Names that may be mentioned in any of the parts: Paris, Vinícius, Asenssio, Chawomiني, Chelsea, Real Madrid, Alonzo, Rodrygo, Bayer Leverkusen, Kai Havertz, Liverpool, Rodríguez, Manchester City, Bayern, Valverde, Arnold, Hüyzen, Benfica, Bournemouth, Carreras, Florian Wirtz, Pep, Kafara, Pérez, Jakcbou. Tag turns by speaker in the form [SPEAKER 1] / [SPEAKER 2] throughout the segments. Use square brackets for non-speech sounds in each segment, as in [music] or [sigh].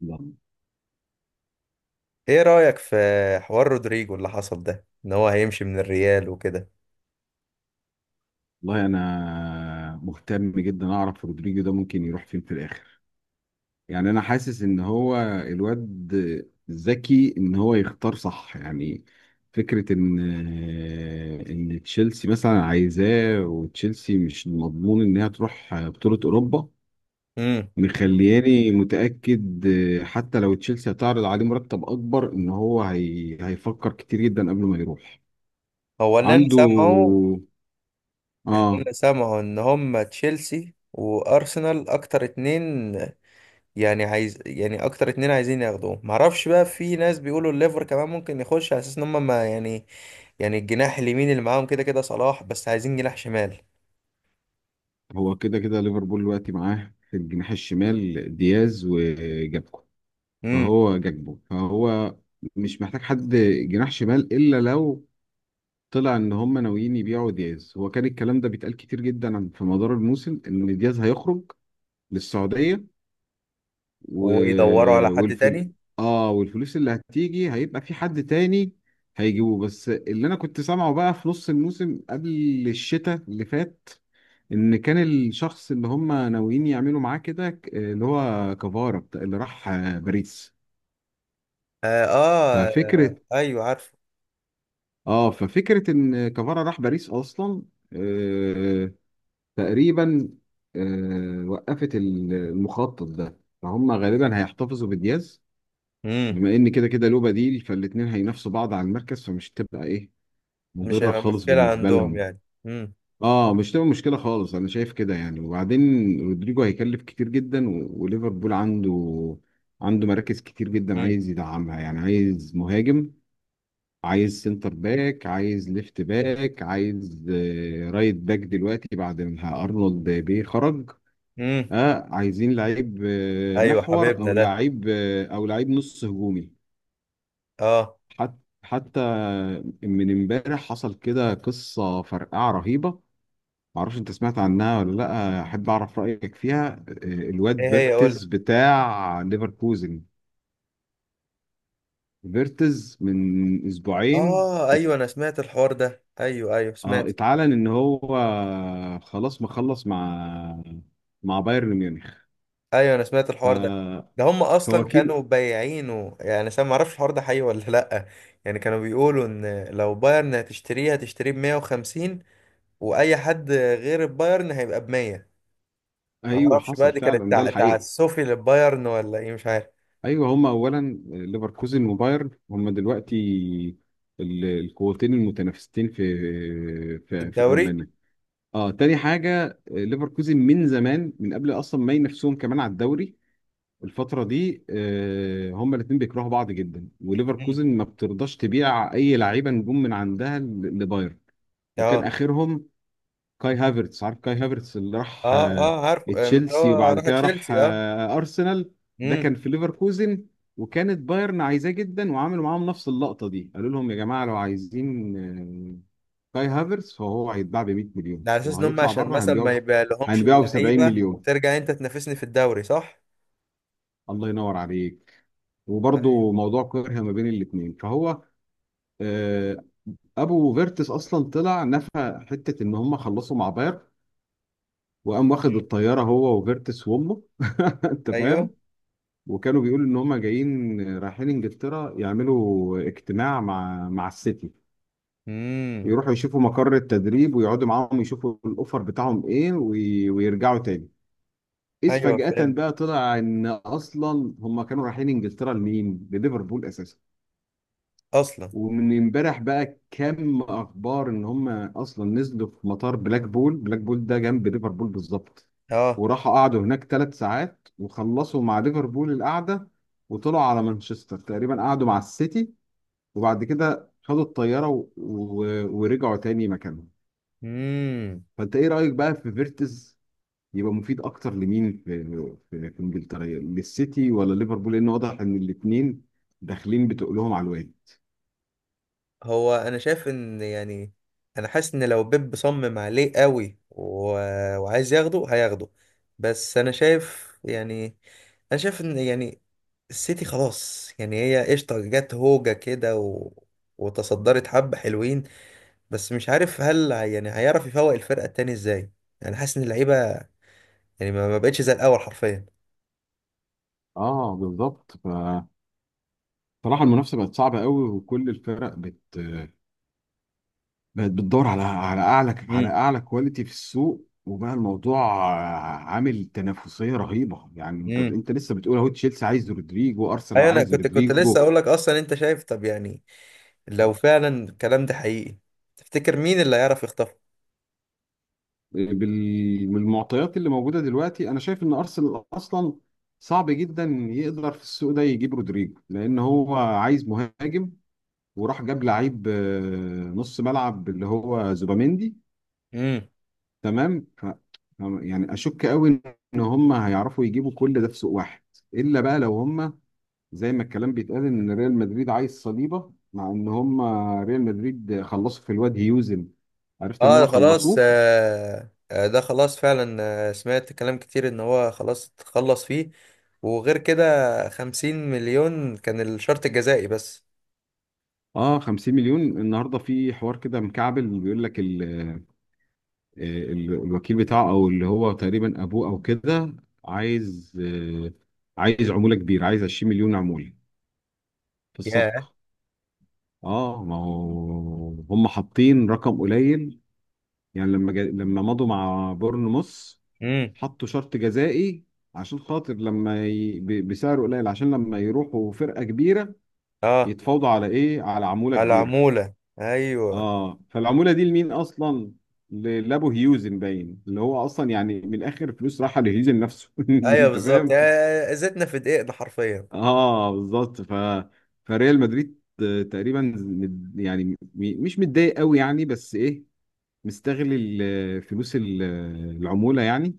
[SPEAKER 1] والله،
[SPEAKER 2] ايه رأيك في حوار رودريجو اللي حصل ده ان هو هيمشي من الريال وكده؟
[SPEAKER 1] انا مهتم جدا اعرف رودريجو ده ممكن يروح فين في الاخر. يعني انا حاسس ان هو الواد ذكي، ان هو يختار صح يعني. فكرة ان تشيلسي مثلا عايزاه، وتشيلسي مش مضمون انها تروح بطولة اوروبا
[SPEAKER 2] امم.
[SPEAKER 1] مخلياني متأكد. حتى لو تشيلسي هتعرض عليه مرتب اكبر، ان هو هيفكر كتير جدا قبل ما يروح
[SPEAKER 2] هو اللي انا
[SPEAKER 1] عنده.
[SPEAKER 2] سامعه،
[SPEAKER 1] اه،
[SPEAKER 2] ان هم تشيلسي وارسنال اكتر اتنين. يعني عايز اكتر اتنين عايزين ياخدوه، معرفش بقى، في ناس بيقولوا الليفر كمان ممكن يخش على اساس ان هم ما يعني، يعني الجناح اليمين اللي معاهم كده كده صلاح، بس عايزين جناح شمال.
[SPEAKER 1] هو كده كده ليفربول دلوقتي معاه في الجناح الشمال دياز وجاكبو.
[SPEAKER 2] امم.
[SPEAKER 1] فهو جاكبو، فهو مش محتاج حد جناح شمال الا لو طلع ان هم ناويين يبيعوا دياز. هو كان الكلام ده بيتقال كتير جدا في مدار الموسم ان دياز هيخرج للسعودية و...
[SPEAKER 2] ويدوروا على حد
[SPEAKER 1] والفل...
[SPEAKER 2] تاني.
[SPEAKER 1] اه والفلوس اللي هتيجي هيبقى في حد تاني هيجيبه. بس اللي انا كنت سامعه بقى في نص الموسم قبل الشتاء اللي فات، ان كان الشخص اللي هم ناويين يعملوا معاه كده اللي هو كفارا، اللي راح باريس.
[SPEAKER 2] آه, اه,
[SPEAKER 1] ففكره
[SPEAKER 2] آه ايوه عارفه.
[SPEAKER 1] اه ففكره ان كفارا راح باريس اصلا، آه تقريبا. وقفت المخطط ده، فهم غالبا هيحتفظوا بدياز،
[SPEAKER 2] امم.
[SPEAKER 1] بما ان كده كده له بديل، فالاتنين هينافسوا بعض على المركز، فمش تبقى ايه،
[SPEAKER 2] مش
[SPEAKER 1] مضره
[SPEAKER 2] هيبقى
[SPEAKER 1] خالص
[SPEAKER 2] مشكلة
[SPEAKER 1] بالنسبه
[SPEAKER 2] عندهم
[SPEAKER 1] لهم.
[SPEAKER 2] يعني. امم.
[SPEAKER 1] اه، مش تبقى مشكله خالص، انا شايف كده يعني. وبعدين رودريجو هيكلف كتير جدا، وليفربول عنده مراكز كتير جدا عايز يدعمها. يعني عايز مهاجم، عايز سنتر باك، عايز ليفت باك، عايز رايت باك دلوقتي بعد ما ارنولد بيه خرج.
[SPEAKER 2] امم.
[SPEAKER 1] اه، عايزين لعيب
[SPEAKER 2] ايوه
[SPEAKER 1] محور،
[SPEAKER 2] حبيبنا
[SPEAKER 1] او
[SPEAKER 2] ده.
[SPEAKER 1] لعيب او لعيب نص هجومي.
[SPEAKER 2] اه.
[SPEAKER 1] حتى من امبارح حصل كده قصه فرقعه رهيبه، معرفش انت سمعت عنها ولا لا، احب اعرف رايك فيها. الواد
[SPEAKER 2] ايه هي قول لي؟
[SPEAKER 1] فيرتز بتاع ليفركوزن، فيرتز من اسبوعين
[SPEAKER 2] اه ايوه انا سمعت الحوار ده، ايوه ايوه سمعت.
[SPEAKER 1] اتعلن ان هو خلاص مخلص مع بايرن ميونخ.
[SPEAKER 2] ايوه انا سمعت الحوار ده.
[SPEAKER 1] ف
[SPEAKER 2] ده هم اصلا
[SPEAKER 1] فوكيل.
[SPEAKER 2] كانوا بايعينه، يعني انا ما اعرفش الحوار ده حقيقي ولا لا. يعني كانوا بيقولوا ان لو بايرن هتشتريه هتشتريه ب 150، واي حد غير البايرن هيبقى ب 100. ما
[SPEAKER 1] ايوه،
[SPEAKER 2] اعرفش بقى،
[SPEAKER 1] حصل
[SPEAKER 2] دي كانت
[SPEAKER 1] فعلا ده الحقيقه.
[SPEAKER 2] تعسفي للبايرن ولا ايه، مش عارف.
[SPEAKER 1] ايوه، هما اولا ليفركوزن وبايرن هما دلوقتي القوتين المتنافستين في
[SPEAKER 2] الدوري.
[SPEAKER 1] المانيا. اه، تاني حاجة، ليفركوزن من زمان، من قبل اصلا ما ينافسوهم كمان على الدوري الفترة دي. هما الاتنين بيكرهوا بعض جدا،
[SPEAKER 2] مم.
[SPEAKER 1] وليفركوزن ما بترضاش تبيع اي لعيبة نجوم من عندها لبايرن. وكان
[SPEAKER 2] اه
[SPEAKER 1] اخرهم كاي هافرتس. عارف كاي هافرتس اللي راح
[SPEAKER 2] اه اه عارفه، مش
[SPEAKER 1] تشيلسي
[SPEAKER 2] هو
[SPEAKER 1] وبعد
[SPEAKER 2] راح
[SPEAKER 1] كده راح
[SPEAKER 2] تشيلسي؟ اه.
[SPEAKER 1] ارسنال؟ ده كان في ليفركوزن، وكانت بايرن عايزاه جدا، وعملوا معاهم نفس اللقطه دي، قالوا لهم: يا جماعه، لو عايزين كاي هافرتس فهو هيتباع ب 100 مليون،
[SPEAKER 2] ده على اساس
[SPEAKER 1] لو
[SPEAKER 2] ان هم
[SPEAKER 1] هيطلع
[SPEAKER 2] عشان
[SPEAKER 1] بره
[SPEAKER 2] مثلا ما يبقى لهمش
[SPEAKER 1] هنبيعه ب 70
[SPEAKER 2] اللعيبه
[SPEAKER 1] مليون.
[SPEAKER 2] وترجع انت تنافسني في الدوري، صح.
[SPEAKER 1] الله ينور عليك.
[SPEAKER 2] ايوه.
[SPEAKER 1] وبرضه موضوع كره ما بين الاثنين، فهو آه، ابو فيرتس اصلا طلع نفى حته ان هم خلصوا مع بايرن، وقام واخد الطياره هو وفيرتس وامه [laughs] انت
[SPEAKER 2] ايوه.
[SPEAKER 1] فاهم. وكانوا بيقولوا ان هم جايين رايحين انجلترا يعملوا اجتماع مع السيتي،
[SPEAKER 2] امم.
[SPEAKER 1] يروحوا يشوفوا مقر التدريب ويقعدوا معاهم يشوفوا الاوفر بتاعهم ايه، ويرجعوا تاني. اذ
[SPEAKER 2] ايوه
[SPEAKER 1] فجأة
[SPEAKER 2] فهمت.
[SPEAKER 1] بقى طلع ان اصلا هم كانوا رايحين انجلترا لمين؟ لليفربول اساسا.
[SPEAKER 2] اصلا.
[SPEAKER 1] ومن امبارح بقى كم اخبار ان هم اصلا نزلوا في مطار بلاك بول، بلاك بول ده جنب ليفربول بالظبط،
[SPEAKER 2] اه.
[SPEAKER 1] وراحوا قعدوا هناك 3 ساعات وخلصوا مع ليفربول القعده، وطلعوا على مانشستر تقريبا قعدوا مع السيتي، وبعد كده خدوا الطياره ورجعوا تاني مكانهم.
[SPEAKER 2] امم.
[SPEAKER 1] فانت ايه رايك بقى في فيرتز؟ يبقى مفيد اكتر لمين، في انجلترا، للسيتي ولا ليفربول؟ لان واضح ان الاثنين داخلين، بتقولهم على الواد.
[SPEAKER 2] هو انا شايف ان يعني انا حاسس ان لو بيب صمم عليه قوي، و... وعايز ياخده هياخده. بس انا شايف يعني انا شايف ان يعني السيتي خلاص، يعني هي قشطه جت هوجه كده، و... وتصدرت حبه حلوين. بس مش عارف هل يعني هيعرف يفوق الفرقه التاني ازاي. يعني حاسس ان اللعيبه يعني ما بقتش زي الاول حرفيا.
[SPEAKER 1] اه، بالظبط. صراحة المنافسة بقت صعبة قوي، وكل الفرق بقت بتدور على
[SPEAKER 2] امم.
[SPEAKER 1] أعلى كواليتي في السوق، وبقى الموضوع عامل تنافسية رهيبة. يعني أنت
[SPEAKER 2] امم.
[SPEAKER 1] أنت لسه بتقول أهو، تشيلسي عايز رودريجو، أرسنال
[SPEAKER 2] ايوه انا
[SPEAKER 1] عايز
[SPEAKER 2] كنت لسه
[SPEAKER 1] رودريجو.
[SPEAKER 2] اقول لك، اصلا انت شايف، طب يعني لو فعلا الكلام ده حقيقي تفتكر مين اللي هيعرف يخطفه؟
[SPEAKER 1] بالمعطيات اللي موجودة دلوقتي أنا شايف إن أرسنال أصلا صعب جدا يقدر في السوق ده يجيب رودريجو، لأن هو عايز مهاجم وراح جاب لعيب نص ملعب اللي هو زوباميندي،
[SPEAKER 2] امم.
[SPEAKER 1] تمام. يعني اشك قوي ان هم هيعرفوا يجيبوا كل ده في سوق واحد، الا بقى لو هم زي ما الكلام بيتقال ان ريال مدريد عايز صليبه، مع ان هم ريال مدريد خلصوا في الواد هيوزن. عرفت ان
[SPEAKER 2] اه ده
[SPEAKER 1] هو
[SPEAKER 2] خلاص،
[SPEAKER 1] خلصوه.
[SPEAKER 2] ده خلاص فعلا. سمعت كلام كتير ان هو خلاص تخلص فيه. وغير كده، 50 مليون كان الشرط الجزائي بس.
[SPEAKER 1] اه، 50 مليون. النهارده في حوار كده مكعبل بيقول لك آه، الوكيل بتاعه، او اللي هو تقريبا ابوه او كده، عايز عموله كبيره، عايز 20 مليون عموله في
[SPEAKER 2] ياه.
[SPEAKER 1] الصفقه. اه، ما هو هم حاطين رقم قليل. يعني لما مضوا مع بورنموث
[SPEAKER 2] امم.
[SPEAKER 1] حطوا شرط جزائي، عشان خاطر بسعر قليل، عشان لما يروحوا فرقة كبيرة
[SPEAKER 2] اه.
[SPEAKER 1] يتفاوضوا على ايه؟ على عمولة
[SPEAKER 2] على
[SPEAKER 1] كبيرة.
[SPEAKER 2] العمولة. ايوه.
[SPEAKER 1] اه، فالعمولة دي لمين اصلا؟ لابو هيوزن باين، اللي هو اصلا، يعني من الاخر، فلوس رايحة لهيوزن نفسه [laughs]
[SPEAKER 2] ايوه
[SPEAKER 1] انت
[SPEAKER 2] بالظبط،
[SPEAKER 1] فاهم.
[SPEAKER 2] يعني زيتنا في دقيقنا حرفيا.
[SPEAKER 1] اه، بالظبط. فريال مدريد تقريبا يعني مش متضايق قوي يعني، بس ايه، مستغل فلوس العمولة يعني.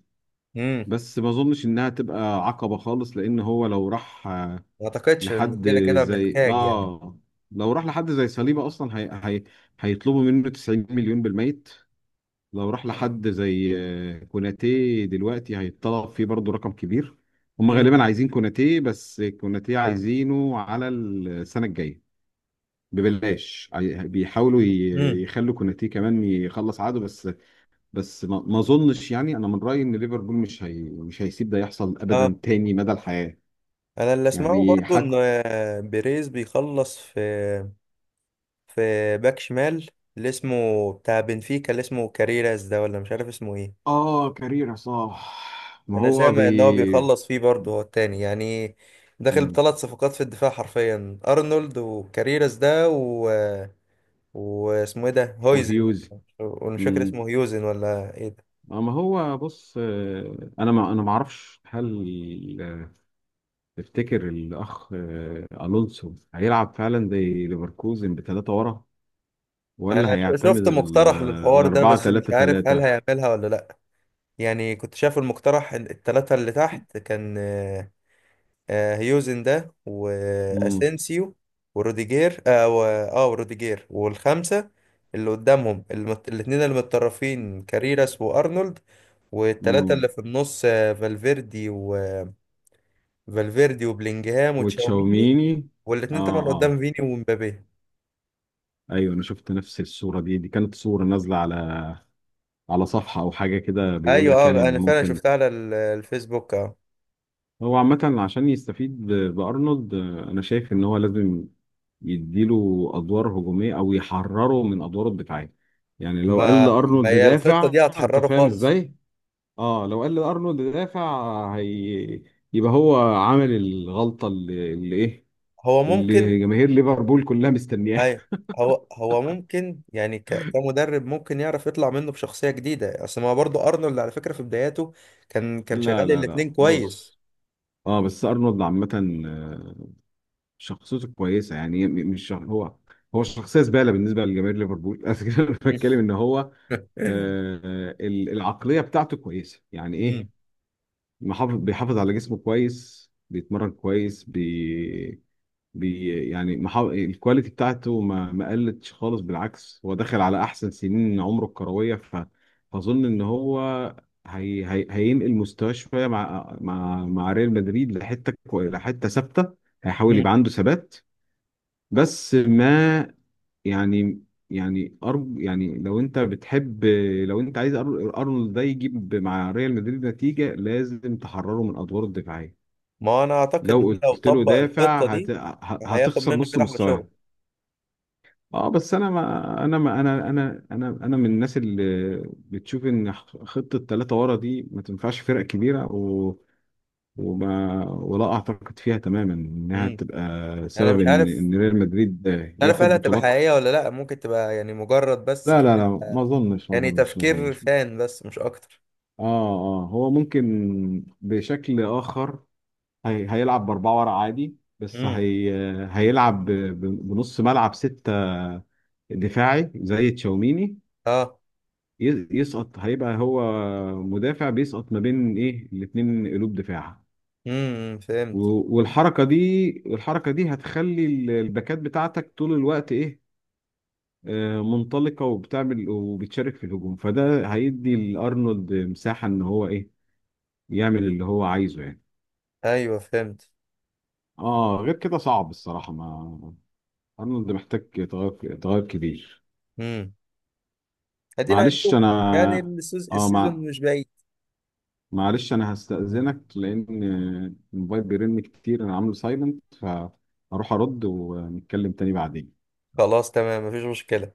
[SPEAKER 2] امم.
[SPEAKER 1] بس ما اظنش انها تبقى عقبة خالص، لان هو
[SPEAKER 2] ما اعتقدش ان
[SPEAKER 1] لحد
[SPEAKER 2] كده كده
[SPEAKER 1] زي
[SPEAKER 2] محتاج يعني.
[SPEAKER 1] اه لو راح لحد زي صليبة اصلا هي... هيطلبوا منه 90 مليون بالميت. لو راح لحد زي كوناتي دلوقتي هيتطلب فيه برضه رقم كبير. هم
[SPEAKER 2] امم.
[SPEAKER 1] غالبا عايزين كوناتي، بس كوناتي عايزينه على السنة الجاية ببلاش، بيحاولوا
[SPEAKER 2] امم.
[SPEAKER 1] يخلوا كوناتي كمان يخلص عقده بس. بس ما اظنش. يعني انا من رايي ان ليفربول مش هيسيب ده يحصل ابدا
[SPEAKER 2] اه
[SPEAKER 1] تاني مدى الحياه.
[SPEAKER 2] انا اللي اسمعه
[SPEAKER 1] يعني
[SPEAKER 2] برضو ان
[SPEAKER 1] حتى.
[SPEAKER 2] بيريز بيخلص في، في باك شمال، اللي اسمه بتاع بنفيكا اللي اسمه كاريراس ده، ولا مش عارف اسمه ايه.
[SPEAKER 1] اه، كاريرا صح. ما
[SPEAKER 2] انا
[SPEAKER 1] هو بي.
[SPEAKER 2] سامع ان هو بيخلص فيه برضه، هو التاني يعني داخل
[SPEAKER 1] مم.
[SPEAKER 2] بثلاث صفقات في الدفاع حرفيا، ارنولد وكاريراس ده، و... واسمه ايه ده، هويزن.
[SPEAKER 1] وهيوز.
[SPEAKER 2] ومش فاكر
[SPEAKER 1] مم.
[SPEAKER 2] اسمه هيوزن ولا ايه.
[SPEAKER 1] ما هو بص. انا ما انا ما اعرفش، هل تفتكر الاخ الونسو هيلعب فعلا زي ليفركوزن بثلاثه ورا، ولا
[SPEAKER 2] انا
[SPEAKER 1] هيعتمد
[SPEAKER 2] شفت مقترح للحوار ده،
[SPEAKER 1] الاربعه
[SPEAKER 2] بس مش
[SPEAKER 1] ثلاثه
[SPEAKER 2] عارف هل
[SPEAKER 1] ثلاثه؟
[SPEAKER 2] هيعملها ولا لا. يعني كنت شايف المقترح، التلاتة اللي تحت كان هيوزن ده،
[SPEAKER 1] امم،
[SPEAKER 2] واسينسيو، وروديجير، اه وروديجير والخمسة اللي قدامهم، الاتنين اللي متطرفين كاريراس وارنولد، والتلاتة اللي في النص فالفيردي، وفالفيردي وبلينجهام وتشاوميني،
[SPEAKER 1] وتشاوميني. اه،
[SPEAKER 2] والاتنين طبعا قدام
[SPEAKER 1] اه.
[SPEAKER 2] فيني ومبابي.
[SPEAKER 1] ايوه، انا شفت نفس الصوره دي. دي كانت صوره نازله على صفحه او حاجه كده بيقول
[SPEAKER 2] ايوه
[SPEAKER 1] لك، يعني
[SPEAKER 2] اه
[SPEAKER 1] ان
[SPEAKER 2] انا فعلا
[SPEAKER 1] ممكن.
[SPEAKER 2] شفتها على الفيسبوك آه.
[SPEAKER 1] هو عامه عشان يستفيد بارنولد، انا شايف ان هو لازم يديله ادوار هجوميه او يحرره من ادواره الدفاعيه. يعني لو قال
[SPEAKER 2] ما ما
[SPEAKER 1] لارنولد
[SPEAKER 2] هي الخطة
[SPEAKER 1] دافع،
[SPEAKER 2] دي
[SPEAKER 1] انت
[SPEAKER 2] هتحرره
[SPEAKER 1] فاهم
[SPEAKER 2] خالص.
[SPEAKER 1] ازاي؟ اه، لو قال لارنولد دافع يبقى هو عمل الغلطه اللي ايه،
[SPEAKER 2] هو ممكن.
[SPEAKER 1] اللي جماهير ليفربول كلها مستنياها
[SPEAKER 2] اي.
[SPEAKER 1] [laughs]
[SPEAKER 2] هو ممكن يعني كمدرب ممكن يعرف يطلع منه بشخصية جديدة، اصل ما برضه ارنولد على فكرة في بداياته كان
[SPEAKER 1] لا،
[SPEAKER 2] شغال
[SPEAKER 1] لا، لا،
[SPEAKER 2] الاتنين كويس.
[SPEAKER 1] بص. اه، بس ارنولد عامه شخصيته كويسه، يعني م- مش شخ... هو شخصيه زباله بالنسبه لجماهير ليفربول [laughs] بس كده انا بتكلم
[SPEAKER 2] [laughs]
[SPEAKER 1] ان هو العقليه بتاعته كويسه، يعني ايه،
[SPEAKER 2] مم.
[SPEAKER 1] محافظ، بيحافظ على جسمه كويس، بيتمرن كويس، بي... بي يعني محافظ. الكواليتي بتاعته ما قلتش خالص، بالعكس هو داخل على احسن سنين عمره الكرويه. فاظن ان هو هينقل مستواه شويه مع ريال مدريد، لحته ثابته، هيحاول يبقى
[SPEAKER 2] مم.
[SPEAKER 1] عنده ثبات. بس ما، يعني، يعني أرب يعني لو انت بتحب، لو انت عايز أر- ارنولد ده يجيب مع ريال مدريد نتيجه، لازم تحرره من ادواره الدفاعيه.
[SPEAKER 2] ما انا اعتقد ان
[SPEAKER 1] لو
[SPEAKER 2] لو
[SPEAKER 1] قلت له
[SPEAKER 2] طبق
[SPEAKER 1] دافع
[SPEAKER 2] الخطة دي هياخد
[SPEAKER 1] هتخسر
[SPEAKER 2] منه
[SPEAKER 1] نص
[SPEAKER 2] كده احلى
[SPEAKER 1] مستواه.
[SPEAKER 2] شغل.
[SPEAKER 1] اه، بس انا ما انا ما انا انا انا انا من الناس اللي بتشوف ان خطه ثلاثه ورا دي ما تنفعش فرق كبيره، و... وما ولا اعتقد فيها تماما انها
[SPEAKER 2] مم.
[SPEAKER 1] تبقى
[SPEAKER 2] انا
[SPEAKER 1] سبب
[SPEAKER 2] مش
[SPEAKER 1] ان
[SPEAKER 2] عارف،
[SPEAKER 1] ان ريال مدريد
[SPEAKER 2] مش عارف
[SPEAKER 1] ياخد
[SPEAKER 2] هل هتبقى
[SPEAKER 1] بطولات.
[SPEAKER 2] حقيقية ولا لا، ممكن تبقى يعني مجرد بس
[SPEAKER 1] لا، لا، لا، ما اظنش، ما
[SPEAKER 2] يعني
[SPEAKER 1] اظنش، ما
[SPEAKER 2] تفكير
[SPEAKER 1] اظنش. اه.
[SPEAKER 2] فان بس مش اكتر.
[SPEAKER 1] اه، هو ممكن بشكل اخر، هيلعب باربعه ورا عادي، بس
[SPEAKER 2] مم.
[SPEAKER 1] هيلعب بنص ملعب سته دفاعي زي تشاوميني.
[SPEAKER 2] اه.
[SPEAKER 1] يسقط، هيبقى هو مدافع بيسقط ما بين ايه الاتنين قلوب دفاع.
[SPEAKER 2] فهمت.
[SPEAKER 1] والحركه دي، الحركه دي هتخلي الباكات بتاعتك طول الوقت ايه، منطلقة وبتعمل وبتشارك في الهجوم، فده هيدي لأرنولد مساحة، إن هو إيه، يعمل اللي هو عايزه يعني.
[SPEAKER 2] ايوه فهمت.
[SPEAKER 1] آه، غير كده صعب الصراحة. ما أرنولد محتاج تغير، تغير كبير.
[SPEAKER 2] امم. ادينا
[SPEAKER 1] معلش
[SPEAKER 2] هنشوف، يعني
[SPEAKER 1] أنا آه
[SPEAKER 2] السيزون
[SPEAKER 1] مع...
[SPEAKER 2] مش بعيد.
[SPEAKER 1] معلش أنا هستأذنك، لأن الموبايل بيرن كتير، أنا عامله سايلنت، فهروح أرد ونتكلم تاني بعدين.
[SPEAKER 2] خلاص تمام، مفيش مشكلة.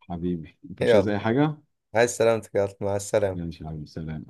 [SPEAKER 1] حبيبي، أنت مش عايز
[SPEAKER 2] يلا.
[SPEAKER 1] أي حاجة؟
[SPEAKER 2] عايز سلامتك يا مع السلامة.
[SPEAKER 1] ماشي يا حبيبي، سلام.